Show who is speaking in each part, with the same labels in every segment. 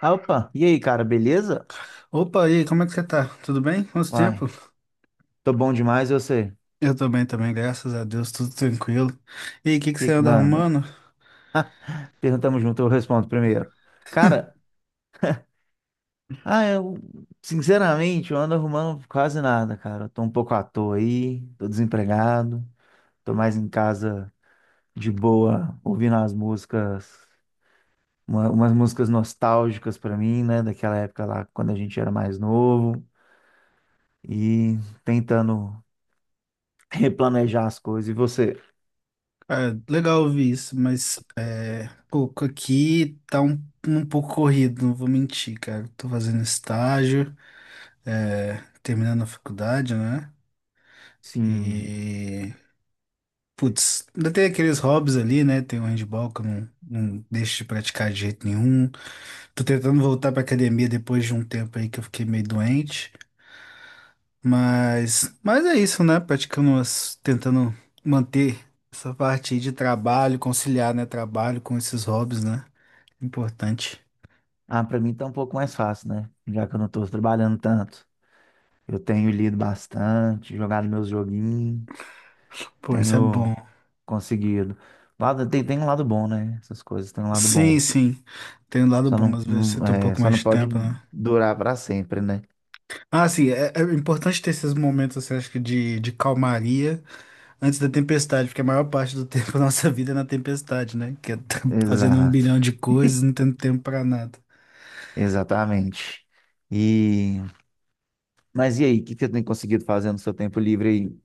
Speaker 1: Ah, opa, e aí, cara, beleza?
Speaker 2: Opa, e aí, como é que você tá? Tudo bem? Quanto tempo?
Speaker 1: Uai, tô bom demais, e você? O
Speaker 2: Eu tô bem também, graças a Deus, tudo tranquilo. E aí, o que que
Speaker 1: que
Speaker 2: você
Speaker 1: que
Speaker 2: anda
Speaker 1: manda?
Speaker 2: arrumando?
Speaker 1: Perguntamos junto, eu respondo primeiro. Cara, ah, eu, sinceramente, eu ando arrumando quase nada, cara. Eu tô um pouco à toa aí, tô desempregado, tô mais em casa de boa, ouvindo as músicas, umas músicas nostálgicas pra mim, né, daquela época lá, quando a gente era mais novo, e tentando replanejar as coisas. E você?
Speaker 2: Cara, legal ouvir isso, mas é, pouco aqui tá um pouco corrido, não vou mentir, cara. Tô fazendo estágio, é, terminando a faculdade, né?
Speaker 1: Sim.
Speaker 2: E, putz, ainda tem aqueles hobbies ali, né? Tem o handball que eu não, não deixo de praticar de jeito nenhum. Tô tentando voltar pra academia depois de um tempo aí que eu fiquei meio doente. Mas é isso, né? Praticando, tentando manter essa parte aí de trabalho, conciliar, né? Trabalho com esses hobbies, né? Importante.
Speaker 1: Ah, para mim tá um pouco mais fácil, né? Já que eu não tô trabalhando tanto. Eu tenho lido bastante, jogado meus joguinhos,
Speaker 2: Pô, isso é bom.
Speaker 1: tenho conseguido. Lado, tem um lado bom, né? Essas coisas têm um lado
Speaker 2: Sim,
Speaker 1: bom.
Speaker 2: sim. Tem um lado bom, às vezes você tem um pouco
Speaker 1: Só
Speaker 2: mais
Speaker 1: não
Speaker 2: de
Speaker 1: pode
Speaker 2: tempo, né?
Speaker 1: durar para sempre, né?
Speaker 2: Ah, sim, é importante ter esses momentos, assim, acho que de calmaria antes da tempestade, porque a maior parte do tempo da nossa vida é na tempestade, né? Que é fazendo um
Speaker 1: Exato,
Speaker 2: bilhão de coisas, não tendo tempo pra nada.
Speaker 1: exatamente. E, mas e aí, o que que você tem conseguido fazer no seu tempo livre aí?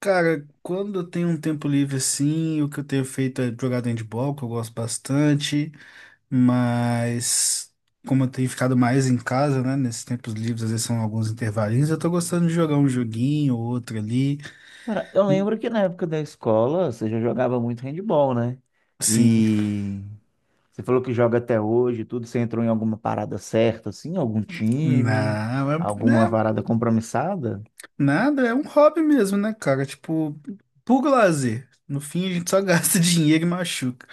Speaker 2: Cara, quando eu tenho um tempo livre assim, o que eu tenho feito é jogar handball, que eu gosto bastante, mas como eu tenho ficado mais em casa, né, nesses tempos livres, às vezes são alguns intervalinhos, eu tô gostando de jogar um joguinho ou outro ali.
Speaker 1: Cara, eu lembro que na época da escola você já jogava muito handball, né?
Speaker 2: Sim,
Speaker 1: E você falou que joga até hoje, tudo. Você entrou em alguma parada certa, assim? Algum time?
Speaker 2: não,
Speaker 1: Alguma parada compromissada?
Speaker 2: nada, é um hobby mesmo, né, cara? Tipo, puro lazer. No fim, a gente só gasta dinheiro e machuca,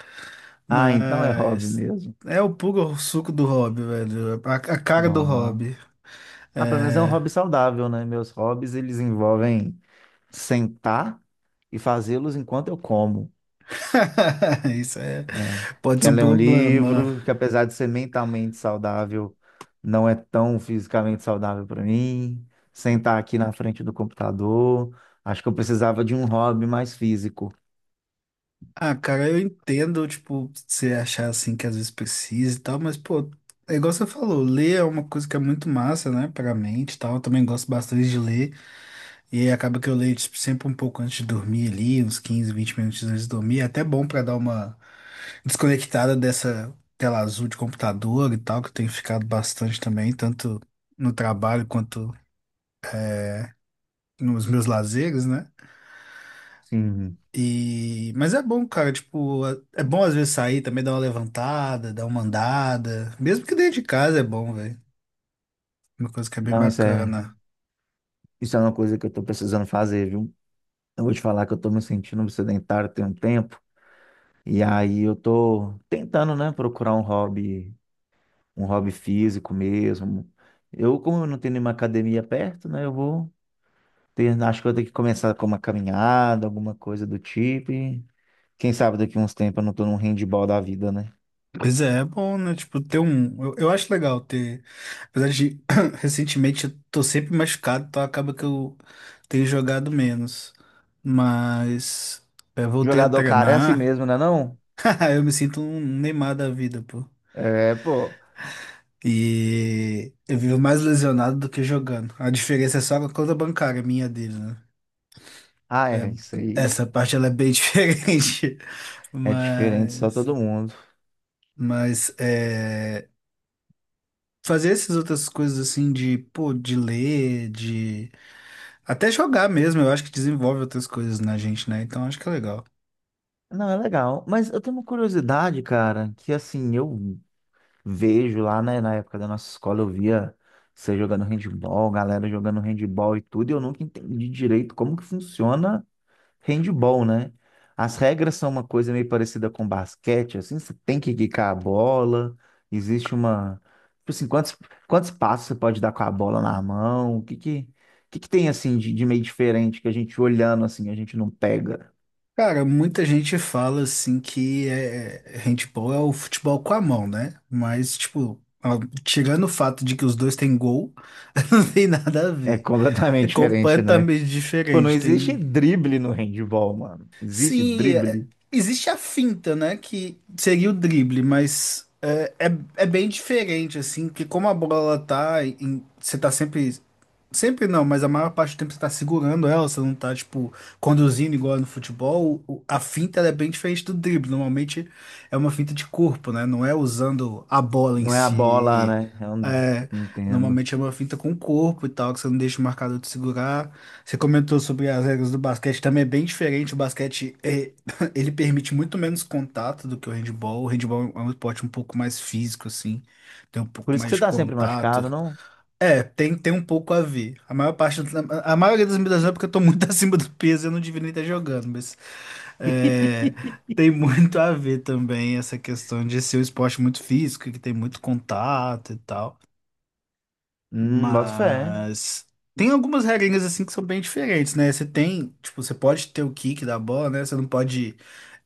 Speaker 1: Ah, então é hobby
Speaker 2: mas
Speaker 1: mesmo.
Speaker 2: é o puro suco do hobby, velho, a cara do
Speaker 1: Bom.
Speaker 2: hobby.
Speaker 1: Ah, pelo menos é um
Speaker 2: É.
Speaker 1: hobby saudável, né? Meus hobbies, eles envolvem sentar e fazê-los enquanto eu como,
Speaker 2: Isso é,
Speaker 1: né?
Speaker 2: pode ser
Speaker 1: Quer
Speaker 2: um
Speaker 1: ler um
Speaker 2: problema.
Speaker 1: livro, que apesar de ser mentalmente saudável, não é tão fisicamente saudável para mim. Sentar aqui na frente do computador. Acho que eu precisava de um hobby mais físico.
Speaker 2: Ah, cara, eu entendo, tipo, você achar assim que às vezes precisa e tal, mas, pô, é igual você falou, ler é uma coisa que é muito massa, né, pra mente e tal. Eu também gosto bastante de ler, e aí acaba que eu leio, tipo, sempre um pouco antes de dormir ali, uns 15, 20 minutos antes de dormir. É até bom pra dar uma desconectada dessa tela azul de computador e tal, que eu tenho ficado bastante também, tanto no trabalho quanto nos meus lazeres, né?
Speaker 1: Sim.
Speaker 2: E... mas é bom, cara, tipo, é bom às vezes sair também, dar uma levantada, dar uma andada. Mesmo que dentro de casa é bom, velho. Uma coisa que é bem
Speaker 1: Não,
Speaker 2: bacana.
Speaker 1: isso é uma coisa que eu tô precisando fazer, viu? Eu vou te falar que eu tô me sentindo um sedentário tem um tempo, e aí eu tô tentando, né, procurar um hobby físico mesmo. Eu, como eu não tenho nenhuma academia perto, né, acho que eu vou ter que começar com uma caminhada, alguma coisa do tipo, e quem sabe daqui uns tempos eu não tô num handball da vida, né?
Speaker 2: Pois é, é bom, né? Tipo, ter um. Eu acho legal ter. Apesar de recentemente eu tô sempre machucado, então acaba que eu tenho jogado menos. Mas eu voltei a
Speaker 1: Jogador cara é assim
Speaker 2: treinar.
Speaker 1: mesmo, né, não?
Speaker 2: Eu me sinto um Neymar da vida, pô.
Speaker 1: É, pô.
Speaker 2: E eu vivo mais lesionado do que jogando. A diferença é só a conta bancária minha e dele, né?
Speaker 1: Ah,
Speaker 2: É,
Speaker 1: é, isso aí
Speaker 2: essa parte ela é bem diferente.
Speaker 1: é diferente só
Speaker 2: Mas,
Speaker 1: todo mundo.
Speaker 2: mas é, fazer essas outras coisas assim de, pô, de ler, de até jogar mesmo, eu acho que desenvolve outras coisas na gente, né? Então acho que é legal.
Speaker 1: Não, é legal. Mas eu tenho uma curiosidade, cara, que assim, eu vejo lá, né, na época da nossa escola, eu via você jogando handball, galera jogando handball e tudo, e eu nunca entendi direito como que funciona handball, né? As regras são uma coisa meio parecida com basquete, assim, você tem que quicar a bola, existe uma. Tipo assim, quantos, quantos passos você pode dar com a bola na mão? O que que tem, assim, de meio diferente que a gente olhando, assim, a gente não pega?
Speaker 2: Cara, muita gente fala assim que é handball é o futebol com a mão, né? Mas, tipo, tirando o fato de que os dois têm gol, não tem nada a
Speaker 1: É
Speaker 2: ver. É
Speaker 1: completamente diferente, né?
Speaker 2: completamente
Speaker 1: Pô, não
Speaker 2: diferente.
Speaker 1: existe
Speaker 2: Tem
Speaker 1: drible no handball, mano. Existe
Speaker 2: se
Speaker 1: drible.
Speaker 2: existe a finta, né, que seria o drible, mas é bem diferente assim, que como a bola tá, você tá sempre sempre não, mas a maior parte do tempo você tá segurando ela, você não tá tipo conduzindo igual é no futebol. A finta ela é bem diferente do drible. Normalmente é uma finta de corpo, né? Não é usando a bola em
Speaker 1: Não é a bola,
Speaker 2: si.
Speaker 1: né? Eu não
Speaker 2: É,
Speaker 1: não entendo.
Speaker 2: normalmente é uma finta com o corpo e tal, que você não deixa o marcador te segurar. Você comentou sobre as regras do basquete, também é bem diferente. O basquete ele permite muito menos contato do que o handball. O handball é um esporte um pouco mais físico, assim, tem um
Speaker 1: Por
Speaker 2: pouco
Speaker 1: isso que
Speaker 2: mais
Speaker 1: você
Speaker 2: de
Speaker 1: tá sempre machucado,
Speaker 2: contato.
Speaker 1: não?
Speaker 2: É, tem um pouco a ver. A maioria das medidas é porque eu tô muito acima do peso, eu não devia nem estar jogando, mas é, tem muito a ver também essa questão de ser um esporte muito físico, que tem muito contato e tal.
Speaker 1: Boto fé.
Speaker 2: Mas tem algumas regrinhas assim que são bem diferentes, né? Você tem, tipo, você pode ter o kick da bola, né? Você não pode,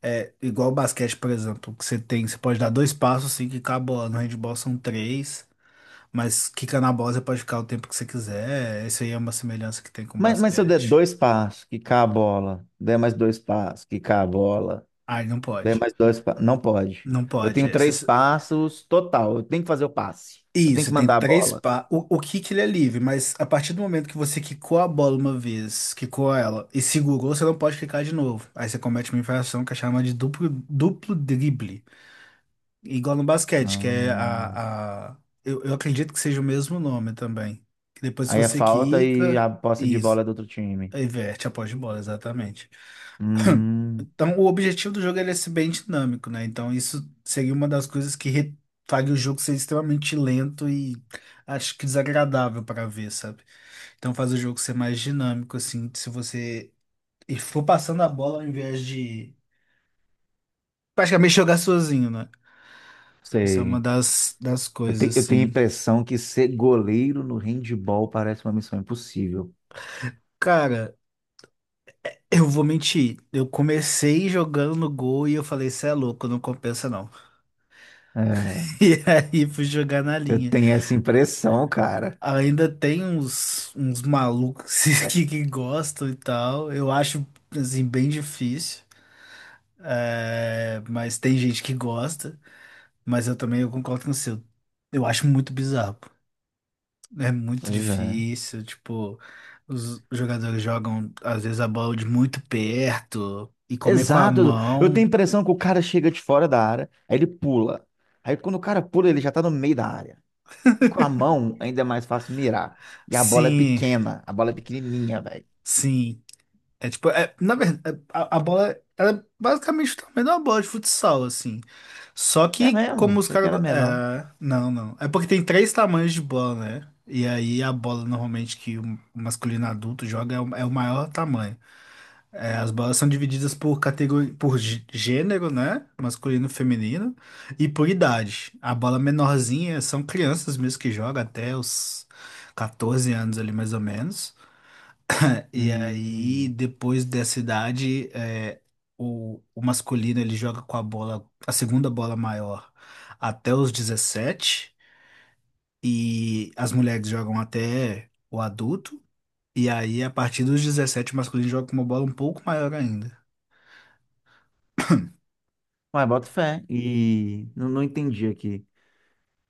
Speaker 2: é, igual o basquete, por exemplo, que você tem, você pode dar dois passos assim quicar a bola. No handball são três, mas quica na bola você pode ficar o tempo que você quiser. Isso aí é uma semelhança que tem com o
Speaker 1: Mas se eu der
Speaker 2: basquete.
Speaker 1: dois passos, quicar a bola, der mais dois passos, quicar a bola,
Speaker 2: Ai, não
Speaker 1: der
Speaker 2: pode.
Speaker 1: mais dois passos. Não pode.
Speaker 2: Não
Speaker 1: Eu
Speaker 2: pode.
Speaker 1: tenho
Speaker 2: É,
Speaker 1: três passos total. Eu tenho que fazer o passe. Eu tenho
Speaker 2: isso,
Speaker 1: que
Speaker 2: tem
Speaker 1: mandar a
Speaker 2: três
Speaker 1: bola.
Speaker 2: o, kick ele é livre, mas a partir do momento que você quicou a bola uma vez, quicou ela e segurou, você não pode quicar de novo. Aí você comete uma infração que é chamada de duplo drible. Igual no basquete, que é
Speaker 1: Hum,
Speaker 2: a... Eu acredito que seja o mesmo nome também. Que depois que
Speaker 1: aí é
Speaker 2: você
Speaker 1: falta e
Speaker 2: quica,
Speaker 1: a posse de
Speaker 2: isso,
Speaker 1: bola é do outro time.
Speaker 2: inverte a posse de bola, exatamente.
Speaker 1: Hum,
Speaker 2: Então, o objetivo do jogo é ele ser bem dinâmico, né? Então, isso seria uma das coisas que faria o jogo ser extremamente lento e acho que desagradável para ver, sabe? Então, faz o jogo ser mais dinâmico, assim, se você e for passando a bola ao invés de praticamente jogar sozinho, né? Isso é uma
Speaker 1: sei.
Speaker 2: das, coisas,
Speaker 1: Eu tenho a
Speaker 2: assim.
Speaker 1: impressão que ser goleiro no handball parece uma missão impossível.
Speaker 2: Cara, eu vou mentir. Eu comecei jogando no gol e eu falei, cê é louco, não compensa não.
Speaker 1: É,
Speaker 2: E aí fui jogar na
Speaker 1: eu
Speaker 2: linha.
Speaker 1: tenho essa impressão, cara.
Speaker 2: Ainda tem uns malucos que gostam e tal. Eu acho, assim, bem difícil. É, mas tem gente que gosta. Mas eu também eu concordo com você. Eu acho muito bizarro. É muito
Speaker 1: Pois é.
Speaker 2: difícil. Tipo, os jogadores jogam, às vezes, a bola de muito perto. E comer com a
Speaker 1: Exato. Edu. Eu tenho
Speaker 2: mão.
Speaker 1: a impressão que o cara chega de fora da área, aí ele pula. Aí quando o cara pula, ele já tá no meio da área. E com a mão ainda é mais fácil mirar. E a bola é
Speaker 2: Sim,
Speaker 1: pequena, a bola é pequenininha, velho.
Speaker 2: sim. É tipo, é, na verdade, a bola, ela é basicamente o tamanho de uma bola de futsal, assim. Só
Speaker 1: É
Speaker 2: que
Speaker 1: mesmo?
Speaker 2: como os
Speaker 1: Achei que
Speaker 2: caras.
Speaker 1: era menor.
Speaker 2: É, não, não. É porque tem três tamanhos de bola, né? E aí a bola normalmente que o masculino adulto joga é o maior tamanho. É, as bolas são divididas por categoria, por gênero, né? Masculino, feminino, e por idade. A bola menorzinha são crianças mesmo que jogam até os 14 anos ali mais ou menos. E aí,
Speaker 1: Hum.
Speaker 2: depois dessa idade, é, o masculino ele joga com a bola, a segunda bola maior, até os 17 e as mulheres jogam até o adulto, e aí, a partir dos 17 o masculino joga com uma bola um pouco maior ainda.
Speaker 1: Mas bota fé. E não, não entendi aqui.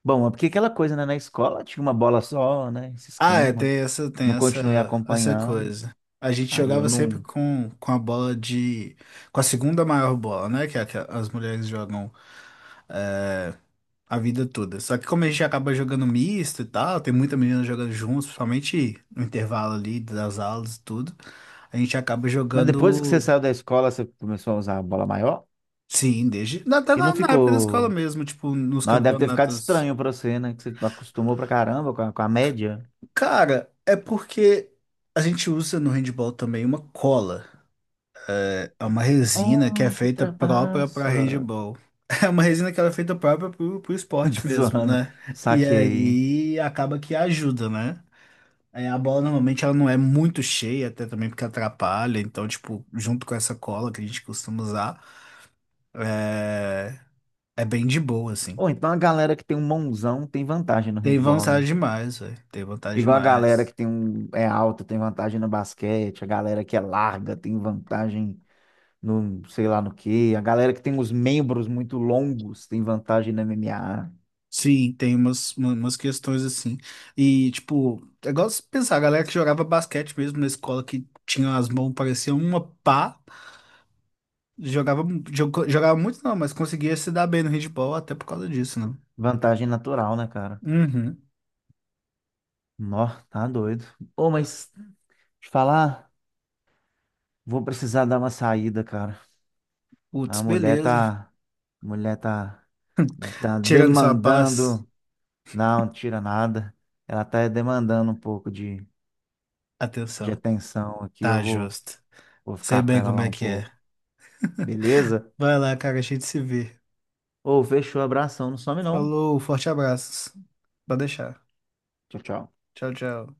Speaker 1: Bom, é porque aquela coisa, né? Na escola tinha uma bola só, né? Esse
Speaker 2: Ah, é,
Speaker 1: esquema.
Speaker 2: tem essa, tem
Speaker 1: Não continuei
Speaker 2: essa, essa
Speaker 1: acompanhando,
Speaker 2: coisa. A gente
Speaker 1: aí eu
Speaker 2: jogava sempre
Speaker 1: não.
Speaker 2: com a bola de. Com a segunda maior bola, né? Que, é a que as mulheres jogam a vida toda. Só que como a gente acaba jogando misto e tal, tem muita menina jogando juntos, principalmente no intervalo ali das aulas e tudo, a gente acaba
Speaker 1: Mas depois que você
Speaker 2: jogando,
Speaker 1: saiu da escola, você começou a usar a bola maior
Speaker 2: sim, desde até
Speaker 1: e
Speaker 2: na,
Speaker 1: não
Speaker 2: na época da escola
Speaker 1: ficou.
Speaker 2: mesmo, tipo, nos
Speaker 1: Não, deve ter ficado
Speaker 2: campeonatos.
Speaker 1: estranho pra você, né? Que você acostumou pra caramba com a média.
Speaker 2: Cara, é porque a gente usa no handball também uma cola. É uma resina que é
Speaker 1: Oh, que
Speaker 2: feita própria para
Speaker 1: trapaça!
Speaker 2: handball. É uma resina que ela é feita própria pro esporte
Speaker 1: Tô
Speaker 2: mesmo,
Speaker 1: zoando.
Speaker 2: né? E
Speaker 1: Saquei.
Speaker 2: aí acaba que ajuda, né? É, a bola normalmente ela não é muito cheia, até também porque atrapalha. Então, tipo, junto com essa cola que a gente costuma usar, é, é bem de boa, assim.
Speaker 1: Ou então a galera que tem um mãozão tem vantagem no
Speaker 2: Tem
Speaker 1: handball,
Speaker 2: vantagem
Speaker 1: né?
Speaker 2: demais, velho. Tem vantagem
Speaker 1: Igual a galera que
Speaker 2: demais.
Speaker 1: tem um é alta tem vantagem no basquete, a galera que é larga tem vantagem no sei lá no quê. A galera que tem os membros muito longos tem vantagem na MMA.
Speaker 2: Sim, tem umas questões assim. E, tipo, é igual se pensar, a galera que jogava basquete mesmo na escola, que tinha as mãos, parecia uma pá, jogava, jogava muito não, mas conseguia se dar bem no handball até por causa disso, né?
Speaker 1: Vantagem natural, né, cara?
Speaker 2: Uhum.
Speaker 1: Nó, tá doido. Ô, mas te falar, vou precisar dar uma saída, cara.
Speaker 2: Putz,
Speaker 1: A mulher
Speaker 2: beleza.
Speaker 1: tá. A mulher tá. Tá
Speaker 2: Tirando sua paz,
Speaker 1: demandando. Não, não tira nada. Ela tá demandando um pouco de
Speaker 2: atenção.
Speaker 1: atenção aqui. Eu
Speaker 2: Tá
Speaker 1: vou,
Speaker 2: justo.
Speaker 1: vou
Speaker 2: Sei
Speaker 1: ficar com
Speaker 2: bem
Speaker 1: ela
Speaker 2: como
Speaker 1: lá
Speaker 2: é
Speaker 1: um
Speaker 2: que é.
Speaker 1: pouco. Beleza?
Speaker 2: Vai lá, cara, a gente se vê.
Speaker 1: Ô, fechou, abração. Não some não.
Speaker 2: Falou, forte abraços. Pode deixar.
Speaker 1: Tchau, tchau.
Speaker 2: Tchau, tchau.